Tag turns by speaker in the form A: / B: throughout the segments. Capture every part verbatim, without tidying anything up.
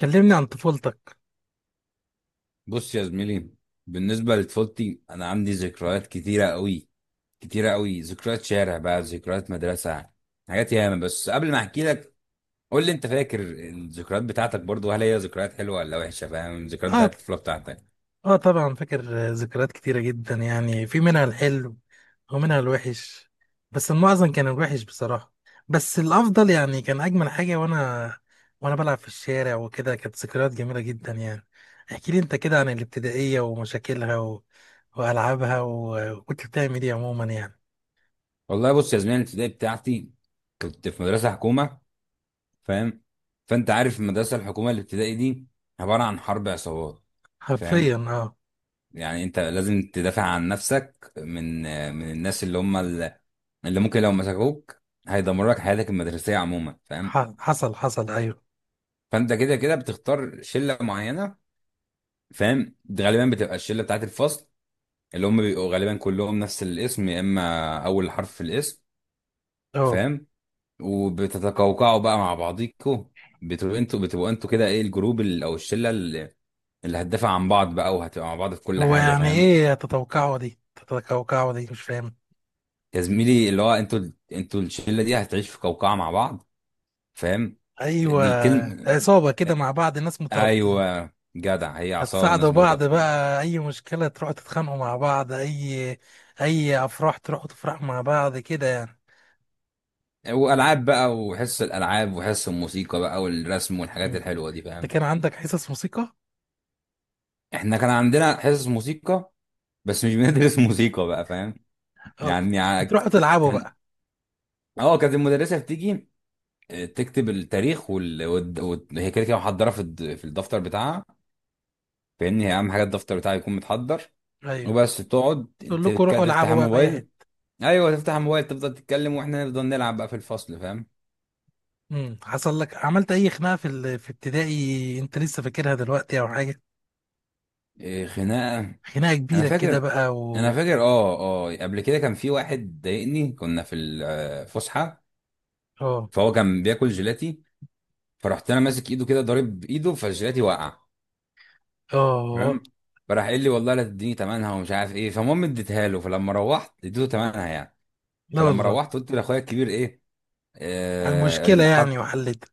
A: كلمني عن طفولتك.
B: بص يا زميلي، بالنسبة لطفولتي أنا عندي ذكريات كتيرة أوي، كتيرة أوي. ذكريات شارع بقى، ذكريات مدرسة، حاجات ياما. بس قبل ما أحكي لك، قول لي أنت فاكر الذكريات بتاعتك برضو؟ هل هي ذكريات حلوة ولا وحشة؟ فاهم؟ الذكريات
A: اه،
B: بتاعت الطفولة بتاعتك.
A: اه، طبعا فاكر. آه، ذكريات كتيرة جدا، يعني في منها الحلو ومنها الوحش، بس المعظم كان الوحش بصراحة. بس الأفضل يعني كان أجمل حاجة، وأنا وأنا بلعب في الشارع وكده، كانت ذكريات جميلة جدا يعني. احكي لي أنت كده عن الابتدائية ومشاكلها، و... وألعابها، و... وكنت بتعمل إيه عموما يعني؟
B: والله بص يا زميلي، الابتدائي بتاعتي كنت في مدرسة حكومة، فاهم؟ فأنت عارف المدرسة الحكومة الابتدائي دي عبارة عن حرب عصابات، فاهم؟
A: حرفيا اه.
B: يعني انت لازم تدافع عن نفسك من من الناس اللي هم ال- اللي ممكن لو مسكوك هيدمروا لك حياتك المدرسيه عموما،
A: ح...
B: فاهم؟
A: حصل حصل أيوه.
B: فانت كده كده بتختار شله معينه، فاهم؟ دي غالبا بتبقى الشله بتاعت الفصل، اللي هم بيبقوا غالبا كلهم نفس الاسم يا اما اول حرف في الاسم،
A: اه.
B: فاهم؟ وبتتقوقعوا بقى مع بعضيكوا. بتبقوا انتوا بتبقوا انتوا كده ايه، الجروب ال- او الشله اللي اللي هتدافع عن بعض بقى وهتبقى مع بعض في كل
A: هو
B: حاجه،
A: يعني
B: فاهم؟
A: إيه تتوقعه دي؟ تتوقعه دي مش فاهم.
B: يا زميلي اللي هو انتوا، انتوا الشله دي هتعيش في قوقعه مع بعض، فاهم؟
A: ايوه،
B: دي كلمه.
A: عصابه كده مع بعض، ناس مترابطين.
B: ايوه جدع، هي عصا
A: هتساعدوا
B: والناس
A: بعض
B: مرتبطين.
A: بقى، اي مشكله تروحوا تتخانقوا مع بعض، اي اي افراح تروحوا تفرحوا مع بعض كده يعني.
B: والعاب بقى وحصص الالعاب وحصص الموسيقى بقى والرسم
A: مم.
B: والحاجات الحلوه دي،
A: انت
B: فاهم؟
A: كان عندك حصص موسيقى؟
B: احنا كان عندنا حصص موسيقى بس مش بندرس موسيقى بقى، فاهم؟
A: اه،
B: يعني ع-
A: بتروحوا تلعبوا
B: كان،
A: بقى؟
B: اه كانت المدرسه بتيجي، اه، تكتب التاريخ وال... وال... وال... هي كده كده محضره في الد- في الدفتر بتاعها. فاهمني، هي اهم حاجه الدفتر بتاعها يكون متحضر
A: ايوه،
B: وبس، تقعد
A: تقول لكم
B: تك-
A: روحوا
B: تفتح
A: العبوا بقى في اي
B: الموبايل.
A: حته.
B: ايوه تفتح الموبايل تفضل تتكلم واحنا نفضل نلعب بقى في الفصل، فاهم؟
A: مم. حصل لك، عملت اي خناقه في ال... في ابتدائي، انت لسه فاكرها دلوقتي او حاجه؟
B: إيه خناقه؟
A: خناقه
B: انا
A: كبيره كده
B: فاكر،
A: بقى
B: انا
A: و...
B: فاكر اه. اه قبل كده كان في واحد ضايقني، كنا في الفسحه،
A: اه.
B: فهو كان بياكل جيلاتي، فرحت انا ماسك ايده كده ضارب بايده فالجيلاتي وقع،
A: اه. آه.
B: تمام؟ فراح قال لي والله لا تديني تمنها ومش عارف ايه، فالمهم اديتها له، فلما روحت اديته تمنها يعني.
A: لا
B: فلما
A: والله.
B: روحت قلت لاخويا الكبير ايه،
A: المشكله
B: آه،
A: يعني
B: حط،
A: وحلتها.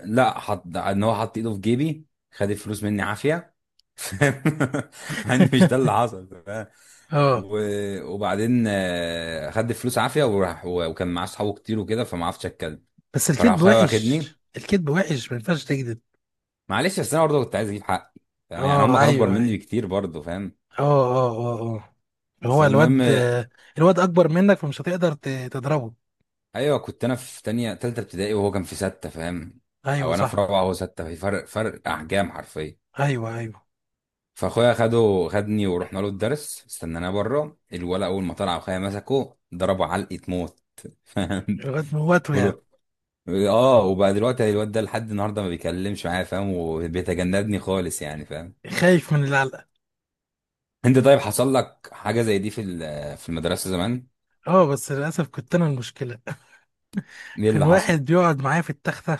B: لا حط ان هو حط ايده في جيبي، خد الفلوس مني عافيه. مع ان مش ده اللي حصل، فاهم؟
A: اه.
B: و... وبعدين آه، خد الفلوس عافيه وراح، و... وكان معاه اصحابه كتير وكده فما عرفتش اتكلم.
A: بس
B: فراح
A: الكذب
B: اخويا
A: وحش،
B: واخدني.
A: الكذب وحش، ما ينفعش تكذب.
B: معلش بس انا برضه كنت عايز اجيب حقي، فاهم؟ يعني هم
A: اه،
B: كانوا اكبر
A: ايوه،
B: مني
A: ايوه.
B: بكتير برضه، فاهم؟
A: اه، اه، اه، اه. هو
B: فالمهم،
A: الواد، الواد اكبر منك، فمش هتقدر ت- تضربه.
B: ايوه كنت انا في تانية تالتة ابتدائي وهو كان في ستة، فاهم؟
A: ايوه
B: او انا في
A: صح.
B: رابعة وهو ستة، في فرق، فرق احجام حرفيا.
A: ايوه، ايوه.
B: فاخويا خده خدني ورحنا له الدرس، استناناه بره، الولد اول ما طلع اخويا مسكه ضربه علقه موت. فاهم؟
A: الواد موته يعني.
B: بقوله، اه، وبقى دلوقتي الواد ده لحد النهارده ما بيكلمش معايا، فاهم؟ وبيتجنبني خالص يعني، فاهم؟
A: خايف من العلقه.
B: انت طيب، حصل لك حاجه زي دي في ال- في المدرسه زمان؟
A: اه، بس للاسف كنت انا المشكله.
B: ايه
A: كان
B: اللي حصل؟
A: واحد بيقعد معايا في التختة.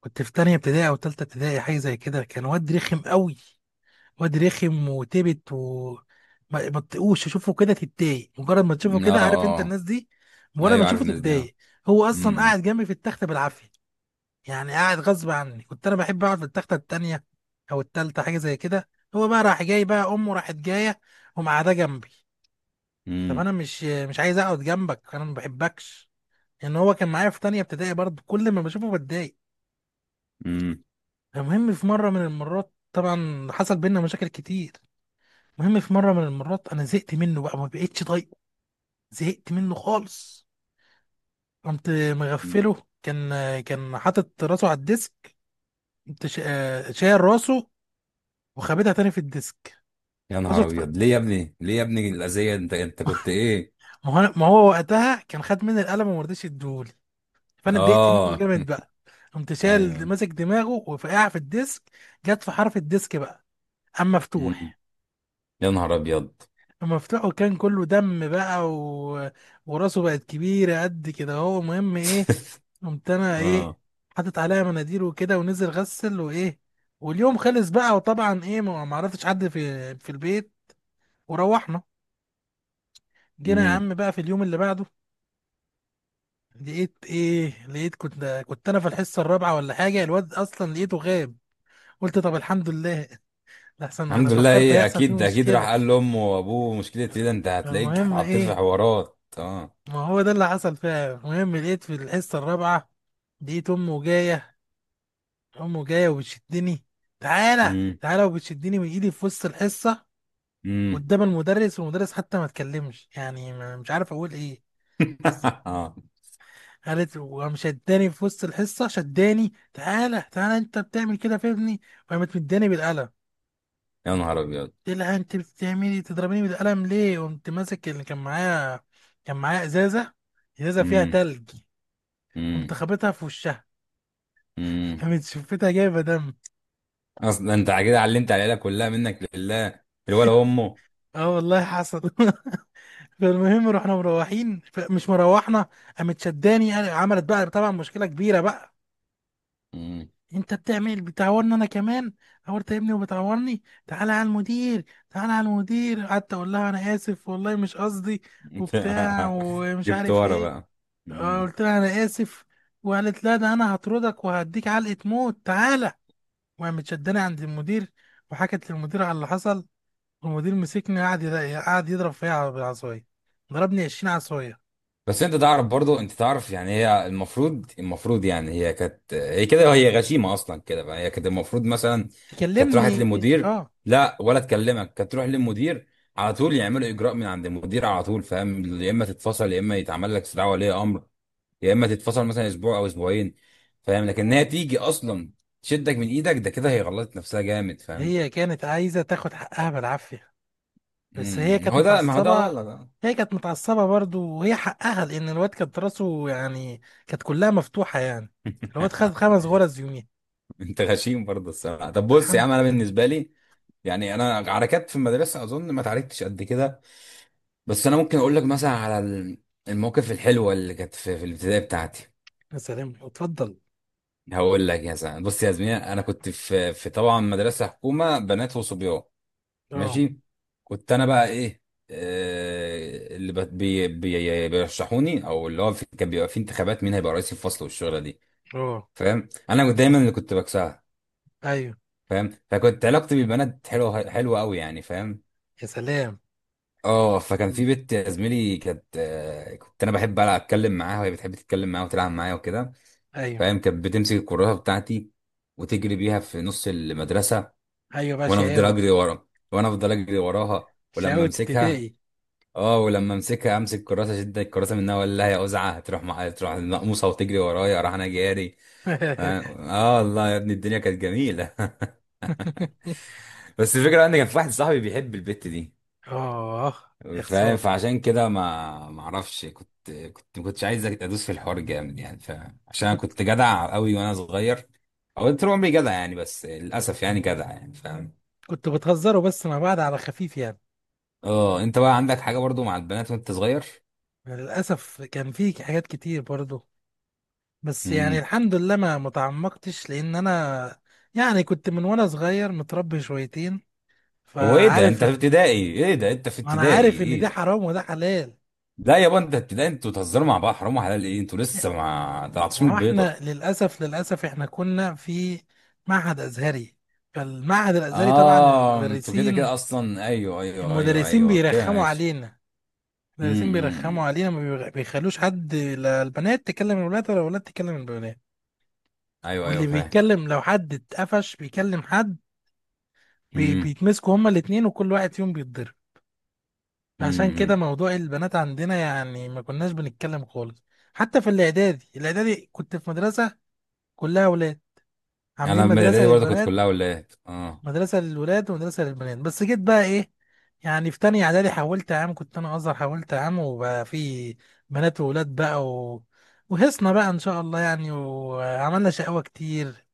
A: كنت في تانية ابتدائي أو تالتة ابتدائي، حاجة زي كده. كان واد رخم قوي، واد رخم وتبت، و ما ما تطيقوش تشوفه كده، تتضايق مجرد ما تشوفه
B: اه
A: كده، عارف انت
B: اه.
A: الناس دي؟
B: آه.
A: مجرد ما
B: ايوه عارف
A: تشوفه
B: الناس دي، اه.
A: تتضايق. هو اصلا
B: امم.
A: قاعد جنبي في التخته بالعافيه، يعني قاعد غصب عني. كنت انا بحب اقعد في التخته التانيه او التالته، حاجه زي كده. هو بقى راح جاي بقى، امه راحت جايه، ومعاه جنبي. طب
B: امم.
A: انا مش مش عايز اقعد جنبك، انا ما بحبكش، لان يعني هو كان معايا في تانيه ابتدائي برضه، كل ما بشوفه بتضايق.
B: امم.
A: المهم في مره من المرات طبعا حصل بينا مشاكل كتير. المهم في مره من المرات انا زهقت منه بقى، ما بقتش طايقه، زهقت منه خالص. قمت
B: أمم.
A: مغفله، كان كان حاطط راسه على الديسك، قمت شا- شايل راسه وخابتها تاني في الديسك.
B: يا
A: راسه
B: نهار
A: اتف-
B: ابيض، ليه يا ابني؟ ليه يا ابني الاذيه؟ انت انت كنت ايه؟
A: ما هو أنا- ما هو وقتها كان خد مني القلم وما رضيش يديهولي، فانا اتضايقت منه
B: اه.
A: جامد بقى، قمت شايل
B: ايوه.
A: ماسك دماغه وفقع في الديسك، جت في حرف الديسك بقى، قام
B: أمم.
A: مفتوح،
B: يا نهار ابيض.
A: مفتوحه، كان كله دم بقى، و... وراسه بقت كبيرة قد كده، هو مهم ايه. قمت انا ايه،
B: اه.
A: حاطط عليها مناديل وكده، ونزل غسل وايه، واليوم خلص بقى، وطبعا ايه، ما ما عرفتش حد في في البيت، وروحنا. جينا يا
B: امم.
A: عم بقى في اليوم اللي بعده، لقيت ايه، لقيت كنت كنت انا في الحصة الرابعة ولا حاجة، الواد اصلا لقيته غاب. قلت طب الحمد لله، لحسن انا
B: الحمد لله
A: فكرت
B: ايه،
A: هيحصل فيه
B: اكيد اكيد راح
A: مشكلة.
B: قال لامه وابوه، مشكله ايه ده، انت هتلاقيك
A: المهم
B: اتحطيت في
A: ايه،
B: حوارات، اه.
A: ما هو ده اللي حصل فعلا. المهم لقيت في الحصة الرابعة، لقيت أمه جاية، أمه جاية وبتشدني، تعالى،
B: امم.
A: تعالى، وبتشدني من إيدي في وسط الحصة
B: امم.
A: قدام المدرس، والمدرس حتى ما اتكلمش، يعني ما- مش عارف أقول إيه. بس
B: اه.
A: قالت وقام شداني في وسط الحصة، شداني، تعالى، تعالى، أنت بتعمل كده في ابني، وقامت مداني بالقلم.
B: يا نهار ابيض.
A: قلت لها أنت بتعملي تضربيني بالقلم ليه؟ قمت ماسك اللي كان معايا، كان معايا إزازة، إزازة فيها
B: امم.
A: تلج، قمت
B: امم.
A: خابطها في وشها،
B: امم.
A: قامت شفتها جايبه دم.
B: اصلا انت كده علمت العيله كلها، منك لله الولا امه.
A: اه والله حصل. فالمهم رحنا مروحين، ف- مش مروحنا، قامت شداني، قال- عملت بقى طبعا مشكله كبيره بقى.
B: امم.
A: انت بتعمل بتعورني انا كمان، عورت ابني وبتعورني، تعالى على المدير، تعالى على المدير، قعدت اقول لها انا اسف والله مش قصدي، وبتاع ومش
B: جبت
A: عارف
B: ورا
A: ايه.
B: بقى.
A: آه،
B: امم.
A: قلت لها انا اسف. وقالت لا، ده انا هطردك وهديك علقه موت، تعالى. وقامت شداني عند المدير، وحكت للمدير على اللي حصل. المدير مسكني، قعد يض- قعد يضرب فيا على- بالعصايه، ضربني عشرين عصايه.
B: بس انت تعرف برضو، انت تعرف، يعني هي المفروض، المفروض يعني هي كانت، هي كده هي غشيمه اصلا كده بقى. هي كانت المفروض مثلا كانت راحت
A: تكلمني.
B: للمدير.
A: اه،
B: لا ولا تكلمك، كانت تروح للمدير على طول، يعملوا اجراء من عند المدير على طول، فاهم؟ يا اما تتفصل، يا اما يتعمل لك استدعاء ولي امر، يا اما تتفصل مثلا اسبوع او اسبوعين، فاهم؟ لكن هي تيجي اصلا تشدك من ايدك، ده كده هي غلطت نفسها جامد، فاهم؟
A: هي كانت عايزه تاخد حقها بالعافيه، بس هي
B: امم.
A: كانت
B: هو ده، ما هو ده
A: متعصبه.
B: غلط.
A: هي كانت متعصبه برضو وهي حقها، لان الواد كانت راسه يعني كانت كلها مفتوحه يعني، الواد خد خمس غرز يومين.
B: انت غشيم برضه الصراحه. طب بص يا
A: الحمد.
B: عم، انا بالنسبه لي يعني، انا عركات في المدرسه اظن ما اتعاركتش قد كده، بس انا ممكن اقول لك مثلا على ال- المواقف الحلوه اللي كانت في, في الابتدائي بتاعتي.
A: يا سلام، اتفضل.
B: هقول لك يا زلمه. بص يا زميلة، انا كنت في في طبعا مدرسه حكومه بنات وصبيان،
A: اه،
B: ماشي؟ كنت انا بقى ايه، آه، اللي بت- بي بي بيرشحوني، او اللي هو في كان بيبقى في انتخابات مين هيبقى رئيس الفصل والشغله دي،
A: اه،
B: فاهم؟ انا كنت دايما اللي كنت بكسبها،
A: ايوه،
B: فاهم؟ فكنت علاقتي بالبنات حلوه، حلوه قوي يعني، فاهم؟
A: يا سلام.
B: اه. فكان
A: مم.
B: في بنت يا زميلي كانت، آه، كنت انا بحب بقى اتكلم معاها وهي بتحب تتكلم معايا وتلعب معايا وكده،
A: ايوه،
B: فاهم؟ كانت بتمسك الكراسه بتاعتي وتجري بيها في نص المدرسه،
A: ايوه بقى
B: وانا افضل
A: شقاوه.
B: اجري ورا، وانا افضل اجري وراها، ولما
A: شقاوه
B: امسكها،
A: ابتدائي.
B: اه، ولما امسكها امسك الكراسه اشد الكراسه منها، ولا لها يا ازعه تروح مع... تروح المقموصه وتجري ورايا، راح انا جاري. اه. آه، الله يا ابني الدنيا كانت جميله. بس الفكره ان كان في واحد صاحبي بيحب البت دي،
A: اه، يا
B: فاهم؟
A: خساره.
B: فعشان كده ما ما اعرفش، كنت كنت ما كنتش عايز ادوس في الحوار جامد يعني، فاهم؟ عشان انا
A: فكنت،
B: كنت جدع قوي وانا صغير، او طول عمري جدع يعني، بس للاسف يعني جدع يعني، فاهم؟
A: كنت بتهزروا بس مع بعض على خفيف يعني.
B: اه، انت بقى عندك حاجه برضو مع البنات وانت صغير؟
A: للأسف كان في حاجات كتير برضو، بس يعني
B: امم.
A: الحمد لله ما متعمقتش، لأن أنا يعني كنت من وأنا صغير متربي شويتين،
B: هو ايه ده،
A: فعارف،
B: انت في ابتدائي، ايه ده انت في
A: ما أنا
B: ابتدائي،
A: عارف إن ده
B: ايه ده؟
A: حرام وده حلال.
B: لا يابا انت ابتدائي، انتوا بتهزروا مع بعض، حرام وحلال ايه، انتوا لسه ما طلعتوش من
A: ما هو احنا
B: البيضه.
A: للأسف للأسف احنا كنا في معهد أزهري، فالمعهد الأزهري طبعا
B: اه انتوا كده
A: المدرسين،
B: كده اصلا، ايوه ايوه ايوه
A: المدرسين
B: ايوه كده،
A: بيرخموا
B: ماشي.
A: علينا،
B: امم.
A: المدرسين
B: أمم،
A: بيرخموا
B: أمم.
A: علينا، ما بيخ- بيخلوش حد لا البنات تكلم الولاد، ولا الولاد تكلم البنات.
B: ايوه ايوه
A: واللي
B: فاهم.
A: بيتكلم لو حد اتقفش بيكلم حد، بي
B: امم.
A: بيتمسكوا هما الاتنين، وكل واحد فيهم بيتضرب. عشان كده
B: امم.
A: موضوع البنات عندنا يعني ما كناش بنتكلم خالص. حتى في الاعدادي الاعدادي كنت في مدرسة كلها ولاد، عاملين
B: انا من
A: مدرسة
B: الاعدادي برضه كنت
A: للبنات،
B: كلها ولاد، اه.
A: مدرسة للولاد ومدرسة للبنات. بس جيت بقى ايه، يعني في تانية اعدادي حولت عام، كنت انا ازهر حولت عام، وبقى في بنات وولاد بقى، و... وهصنا بقى ان شاء الله يعني، وعملنا شقاوة كتير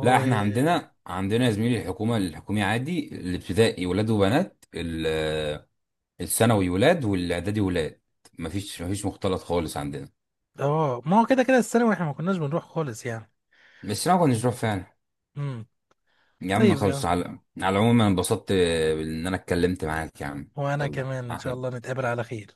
B: لا احنا عندنا، عندنا يا زميلي الحكومه، الحكومي عادي الابتدائي ولاد وبنات، ال- آه، الثانوي ولاد والاعدادي ولاد، مفيش مفيش مختلط خالص عندنا.
A: اه، ما هو كده كده الثانوي احنا ما كناش بنروح خالص يعني.
B: بس انا ما كنتش بروح فعلا.
A: امم.
B: يا عم
A: طيب
B: خلص
A: يعني.
B: على، على العموم انا انبسطت آه، ان انا اتكلمت معاك يا عم.
A: وانا
B: الله
A: كمان ان شاء
B: احلى.
A: الله نتقابل على خير.